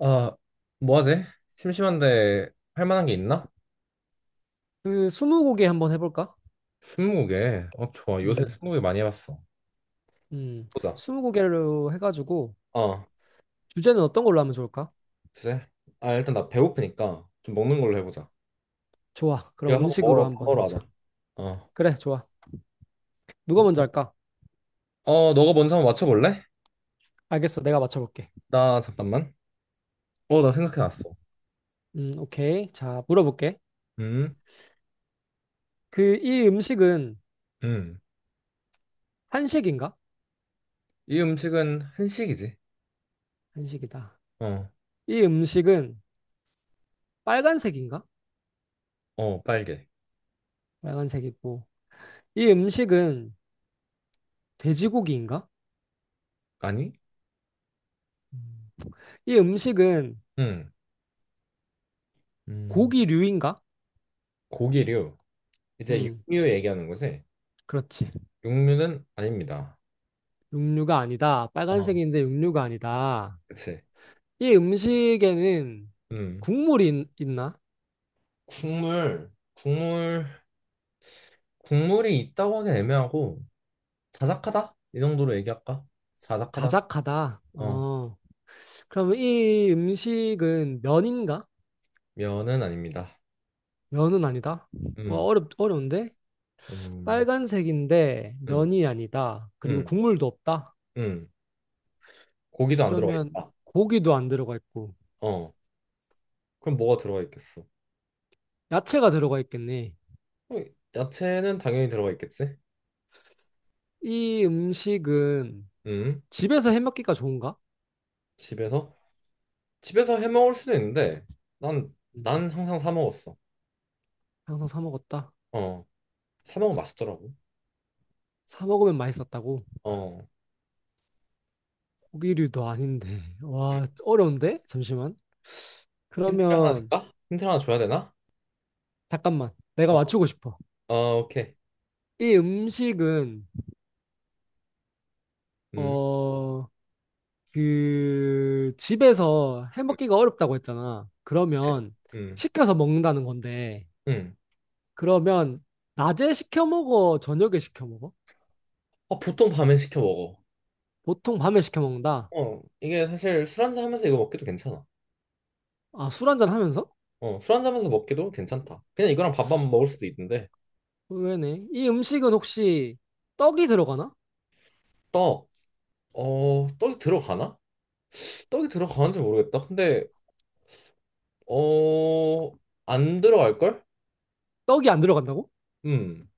아, 뭐 하지? 심심한데 할 만한 게 있나? 그 스무고개 한번 해볼까? 스무고개. 어, 좋아. 요새 음, 스무고개 많이 해봤어. 음, 보자. 스무고개로 해가지고 어, 주제는 어떤 걸로 하면 좋을까? 주제? 아, 일단 나 배고프니까 좀 먹는 걸로 해보자. 좋아. 그럼 이거 하고 음식으로 먹으러 밥 한번 먹으러 해보자. 가자. 어. 그래, 좋아. 누가 먼저 할까? 어, 너가 먼저 한번 맞춰볼래? 알겠어. 내가 맞춰볼게. 나 잠깐만. 어, 나 음, 생각해놨어. 오케이. 자, 물어볼게. 음, 이 음식은 음. 한식인가? 이 음식은 한식이지. 한식이다. 어, 이 음식은 빨간색인가? 어, 빨개. 빨간색이고. 이 음식은 돼지고기인가? 아니? 음. 이 음식은 음, 음. 고기류인가? 고기류. 이제 음, 육류 얘기하는 거지? 그렇지. 육류는 아닙니다. 육류가 아니다. 어, 빨간색인데 육류가 아니다. 그치. 이 음식에는 음. 있나? 국물, 국물이 있다고 하긴 애매하고 자작하다? 이 정도로 얘기할까? 자작하다. 자작하다. 어, 어. 그러면 이 음식은 면인가? 면은 아닙니다. 면은 아니다. 와, 음, 어려운데? 음, 빨간색인데 음, 면이 아니다. 그리고 음, 국물도 없다. 음. 고기도 안 들어가 그러면 있다. 고기도 안 들어가 있고 어, 그럼 뭐가 들어가 있겠어? 야채가 들어가 있겠네. 그럼 야채는 당연히 들어가 있겠지? 이 음식은 음, 집에서 해먹기가 좋은가? 집에서? 집에서 해 먹을 수도 있는데 난, 음, 난 항상 사 먹었어. 항상 사 먹었다. 어, 사 먹으면 맛있더라고. 사 먹으면 맛있었다고. 어, 고기류도 아닌데. 음. 와, 어려운데? 잠시만. 힌트를 하나 그러면 줄까? 힌트를 하나 줘야 되나? 잠깐만. 내가 어, 맞추고 싶어. 어, 오케이. 이 음식은, 음. 어, 집에서 해 음. 먹기가 어렵다고 했잖아. 같아. 그러면, 음, 시켜서 먹는다는 건데, 음. 그러면, 낮에 시켜 먹어? 저녁에 시켜 먹어? 어, 보통 밤에 시켜 먹어. 보통 밤에 시켜 먹는다. 어, 이게 사실 술 한잔 하면서 이거 먹기도 괜찮아. 아, 술 한잔 하면서? 어, 술 한잔 하면서 먹기도 괜찮다. 그냥 이거랑 밥만 먹을 수도 있는데, 의외네. 이 음식은 혹시 떡이 들어가나? 떡, 어, 떡이 들어가나? 떡이 들어가는지 모르겠다. 근데, 어, 안 들어갈걸? 떡이 안 들어간다고? 음,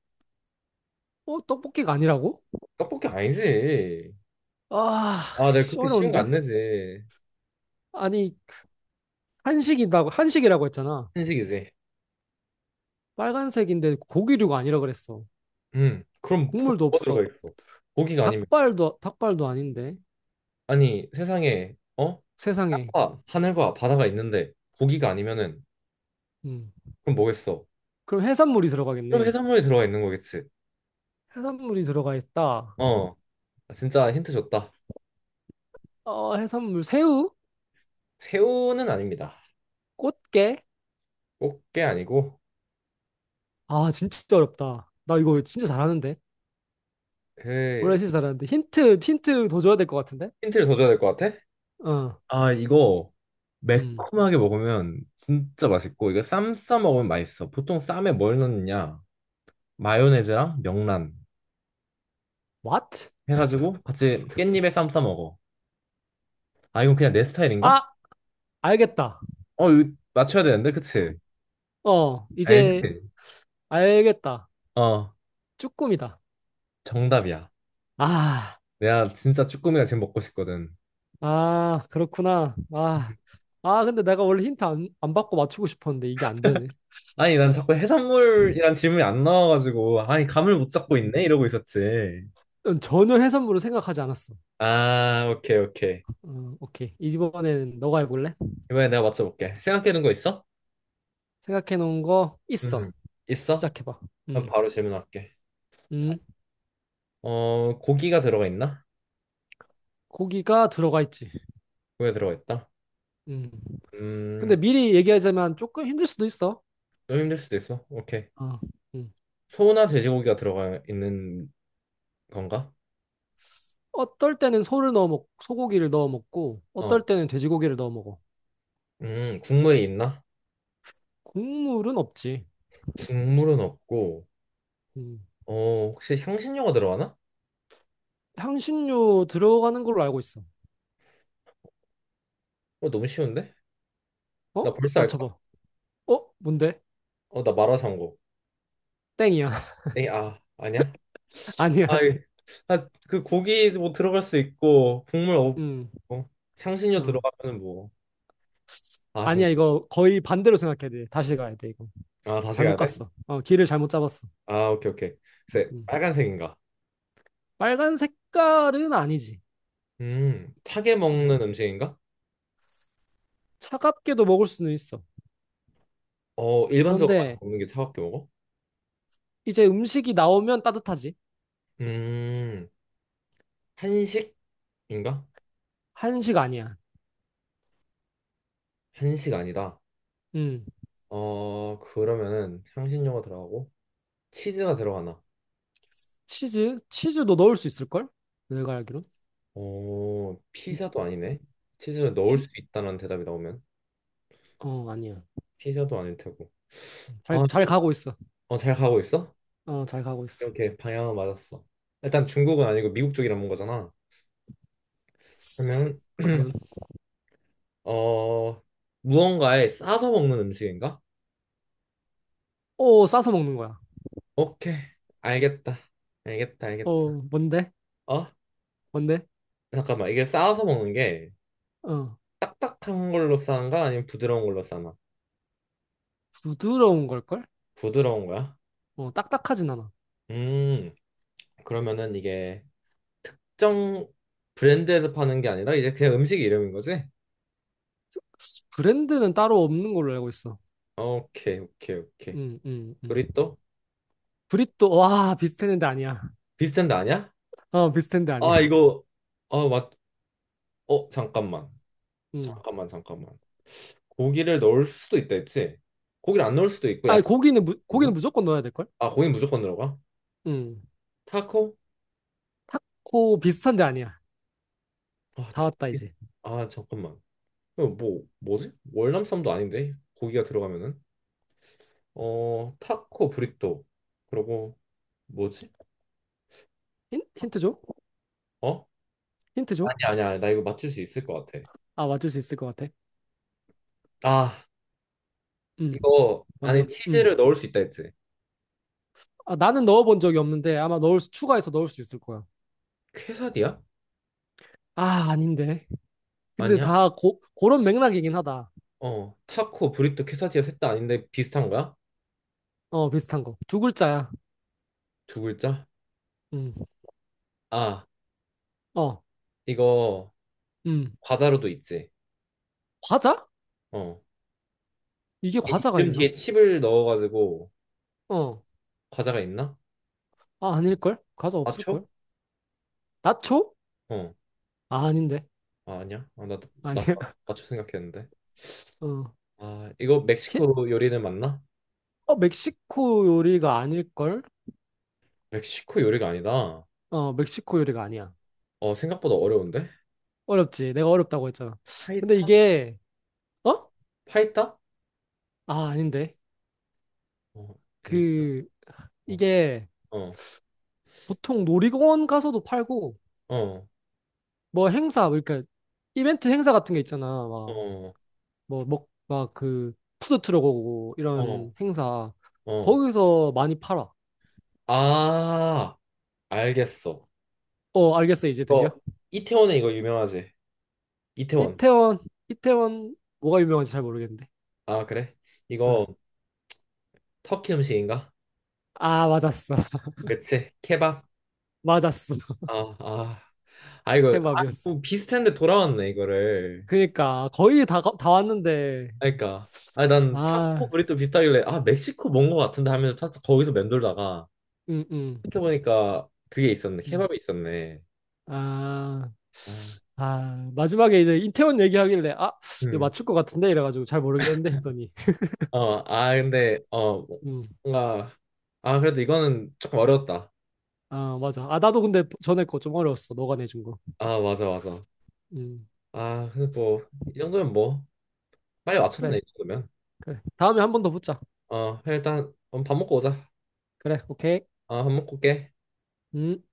어, 떡볶이가 아니라고? 떡볶이 아니지. 아, 아, 내가 씨, 그렇게 쉬운 거 어려운데? 안 내지. 아니, 한식이라고 했잖아. 한식이지. 빨간색인데 고기류가 아니라 그랬어. 그럼 국물도 뭐가 없어. 들어가 있어? 고기가 아니면, 닭발도 아닌데 아니, 세상에, 어? 세상에. 땅과 하늘과 바다가 있는데, 고기가 아니면은, 음. 그럼 뭐겠어? 그럼 해산물이 그럼 들어가겠네. 해산물이 들어가 있는 거겠지. 해산물이 들어가 있다. 어, 진짜 힌트 줬다. 어, 해산물 새우? 새우는 아닙니다. 꽃게? 꽃게 아니고, 아, 진짜 어렵다. 나 이거 진짜 잘하는데. 원래 에 진짜 잘하는데 힌트 더 줘야 될 것 같은데. 힌트를 더 줘야 될 것 같아? 어. 아, 이거 음. 매콤하게 먹으면 진짜 맛있고, 이거 쌈 싸 먹으면 맛있어. 보통 쌈에 뭘 넣느냐? 마요네즈랑 명란 What? 해가지고 같이 깻잎에 쌈 싸 먹어. 아, 이건 그냥 내 스타일인가? 아, 알겠다. 어, 이거 맞춰야 되는데, 그치? 어, 이제 알지? 알겠다. 어, 쭈꾸미다. 정답이야. 아, 내가 진짜 쭈꾸미가 지금 먹고 싶거든. 아, 그렇구나. 아, 아, 근데 내가 원래 힌트 안 받고 맞추고 싶었는데 이게 안 되네. 아니, 난 자꾸 해산물이란 질문이 안 나와가지고, 아니, 감을 못 잡고 음. 있네? 이러고 있었지. 전혀 해산물을 생각하지 않았어. 어, 아, 오케이, 오케이. 오케이. 이번에는 너가 해볼래? 이번에 내가 맞춰볼게. 생각해둔 거 있어? 생각해 놓은 거 음, 있어. 있어? 시작해봐. 그럼 음, 바로 질문할게. 자, 음. 어, 고기가 들어가 있나? 고기가 들어가 있지. 고기가 들어가 있다. 음. 음, 근데 미리 얘기하자면 조금 힘들 수도 있어. 좀 힘들 수도 있어. 오케이. 어. 음. 소나 돼지고기가 들어가 있는 건가? 어떨 때는 소고기를 넣어 먹고, 어떨 어, 때는 돼지고기를 넣어 먹어. 국물이 있나? 국물은 없지. 국물은 없고, 음. 어, 혹시 향신료가 들어가나? 향신료 들어가는 걸로 알고 있어. 어, 너무 쉬운데? 어? 나 벌써 알 것 같아. 맞춰봐. 어? 뭔데? 어, 나 마라샹궈. 땡이야. 에이, 아, 아니야? 아니야. 아이, 아, 그 고기 뭐 들어갈 수 있고 국물 음. 없고 향신료 어. 들어가면은 뭐 아, 아쉽네. 아니야, 이거 거의 반대로 생각해야 돼. 다시 가야 돼, 이거. 아 다시 잘못 가야 돼? 갔어. 어, 길을 잘못 잡았어. 아 오케이 오케이. 글쎄 음. 빨간색인가? 빨간 색깔은 아니지. 차게 음. 먹는 음식인가? 차갑게도 먹을 수는 있어. 어 일반적으로 많이 그런데 먹는 게 차갑게 먹어? 이제 음식이 나오면 따뜻하지. 음 한식인가? 한식 아니야. 한식 아니다. 음. 어 그러면은 향신료가 들어가고 치즈가 들어가나? 치즈? 치즈도 넣을 수 있을걸? 내가 알기론. 어 음, 피자도 아니네. 치즈를 넣을 피? 수 있다는 대답이 나오면 어, 아니야. 피자도 아닐 테고. 아, 잘 그- 가고 있어. 어, 잘 가고 있어? 어, 잘 가고 있어. 이렇게 방향은 맞았어. 일단 중국은 아니고 미국 쪽이란 건 거잖아. 그러면 과연? 어 무언가에 싸서 먹는 음식인가? 오, 싸서 먹는 거야. 오케이 알겠다 어, 알겠다. 뭔데? 어 뭔데? 잠깐만 이게 싸서 먹는 게 어, 딱딱한 걸로 싸는가 아니면 부드러운 걸로 싸나? 부드러운 걸걸? 부드러운 거야? 어, 딱딱하진 않아. 음 그러면은 이게 특정 브랜드에서 파는 게 아니라 이제 그냥 음식 이름인 거지? 브랜드는 따로 없는 걸로 알고 있어. 오케이 오케이 오케이. 음, 음, 음. 우리 또 브리또 와 비슷했는데 아니야. 비슷한 데 아니야? 어 비슷했는데 아 아니야. 이거 아 맞. 어 잠깐만. 음. 잠깐만 잠깐만 고기를 넣을 수도 있다 했지? 고기를 안 넣을 수도 있고 아니 야채 있나? 고기는 무조건 넣어야 될 걸. 아 고기 무조건 들어가? 음. 타코? 타코 비슷한데 아니야. 아 다 타코 왔다 이제. 아 잠깐만 이거 뭐 뭐지? 월남쌈도 아닌데 고기가 들어가면은 어 타코 브리또 그러고 뭐지? 힌트 줘. 어? 힌트 줘. 아니 나 이거 맞출 수 있을 것 같아 아 맞출 수 있을 것 같아. 아 음. 이거 뭔데? 안에 음. 치즈를 넣을 수 있다 했지? 아 나는 넣어본 적이 없는데 아마 넣을 수 추가해서 넣을 수 있을 거야. 퀘사디야? 아 아닌데. 근데 아니야? 그런 맥락이긴 하다. 어 타코 브리또 퀘사디아 셋 다 아닌데 비슷한 거야? 어 비슷한 거. 두 글자야. 두 글자? 음. 아 어. 이거 음. 과자로도 있지. 과자? 어. 이게 이 과자가 이름 있나? 뒤에 칩을 넣어가지고 어. 과자가 있나? 아 아닐걸? 과자 맞춰? 없을걸? 나초? 어. 아 아닌데. 아, 아니야. 나 아니야. 맞춰 생각했는데. 어, 아, 이거 히, 멕시코 요리는 맞나? 멕시코 요리가 아닐걸? 멕시코 요리가 아니다. 어, 멕시코 요리가 아니야. 어, 생각보다 어려운데? 어렵지. 내가 어렵다고 했잖아. 근데 파이타? 이게, 어? 파이타? 아, 아닌데. 어, 엔지다. 그, 어, 이게 어, 보통 놀이공원 가서도 팔고, 어, 뭐 행사, 뭐 그러니까 이벤트 행사 같은 게 있잖아. 막, 어, 뭐, 막 그, 푸드트럭 오고, 어, 이런 행사. 어. 거기서 많이 팔아. 아, 알겠어. 어, 알겠어, 이제 드디어. 이거 이태원에 이거 유명하지? 이태원. 이태원, 이태원, 뭐가 유명한지 잘 모르겠는데. 아, 그래? 이거 응. 터키 음식인가? 아, 맞았어. 그치? 케밥. 맞았어. 아, 아, 아 이거 아, 케밥이었어. 좀 비슷한데 돌아왔네 이거를. 그니까 거의 다, 다 왔는데 그러니까 아, 난 타코 아, 브리또 비슷하길래 아 멕시코 뭔 거 같은데 하면서 거기서 맴돌다가 음, 음, 생각해 보니까 그게 있었네 음. 케밥이 있었네. 아 아, 아 마지막에 이제 이태원 얘기하길래 아 이거 음, 맞출 것 같은데 이래가지고 잘 모르겠는데 했더니 아 근데 어 음, 뭔가 아 그래도 이거는 조금 어려웠다. 아 맞아 아 나도 근데 전에 거 좀 어려웠어 너가 내준 거 아 맞아 맞아. 음, 아 근데 뭐 이 정도면 뭐 빨리 맞췄네 그래 이 정도면. 그래 다음에 한 번 더 붙자 어 그래, 일단 밥 먹고 오자. 그래 오케이 아 밥 먹고 올게. 음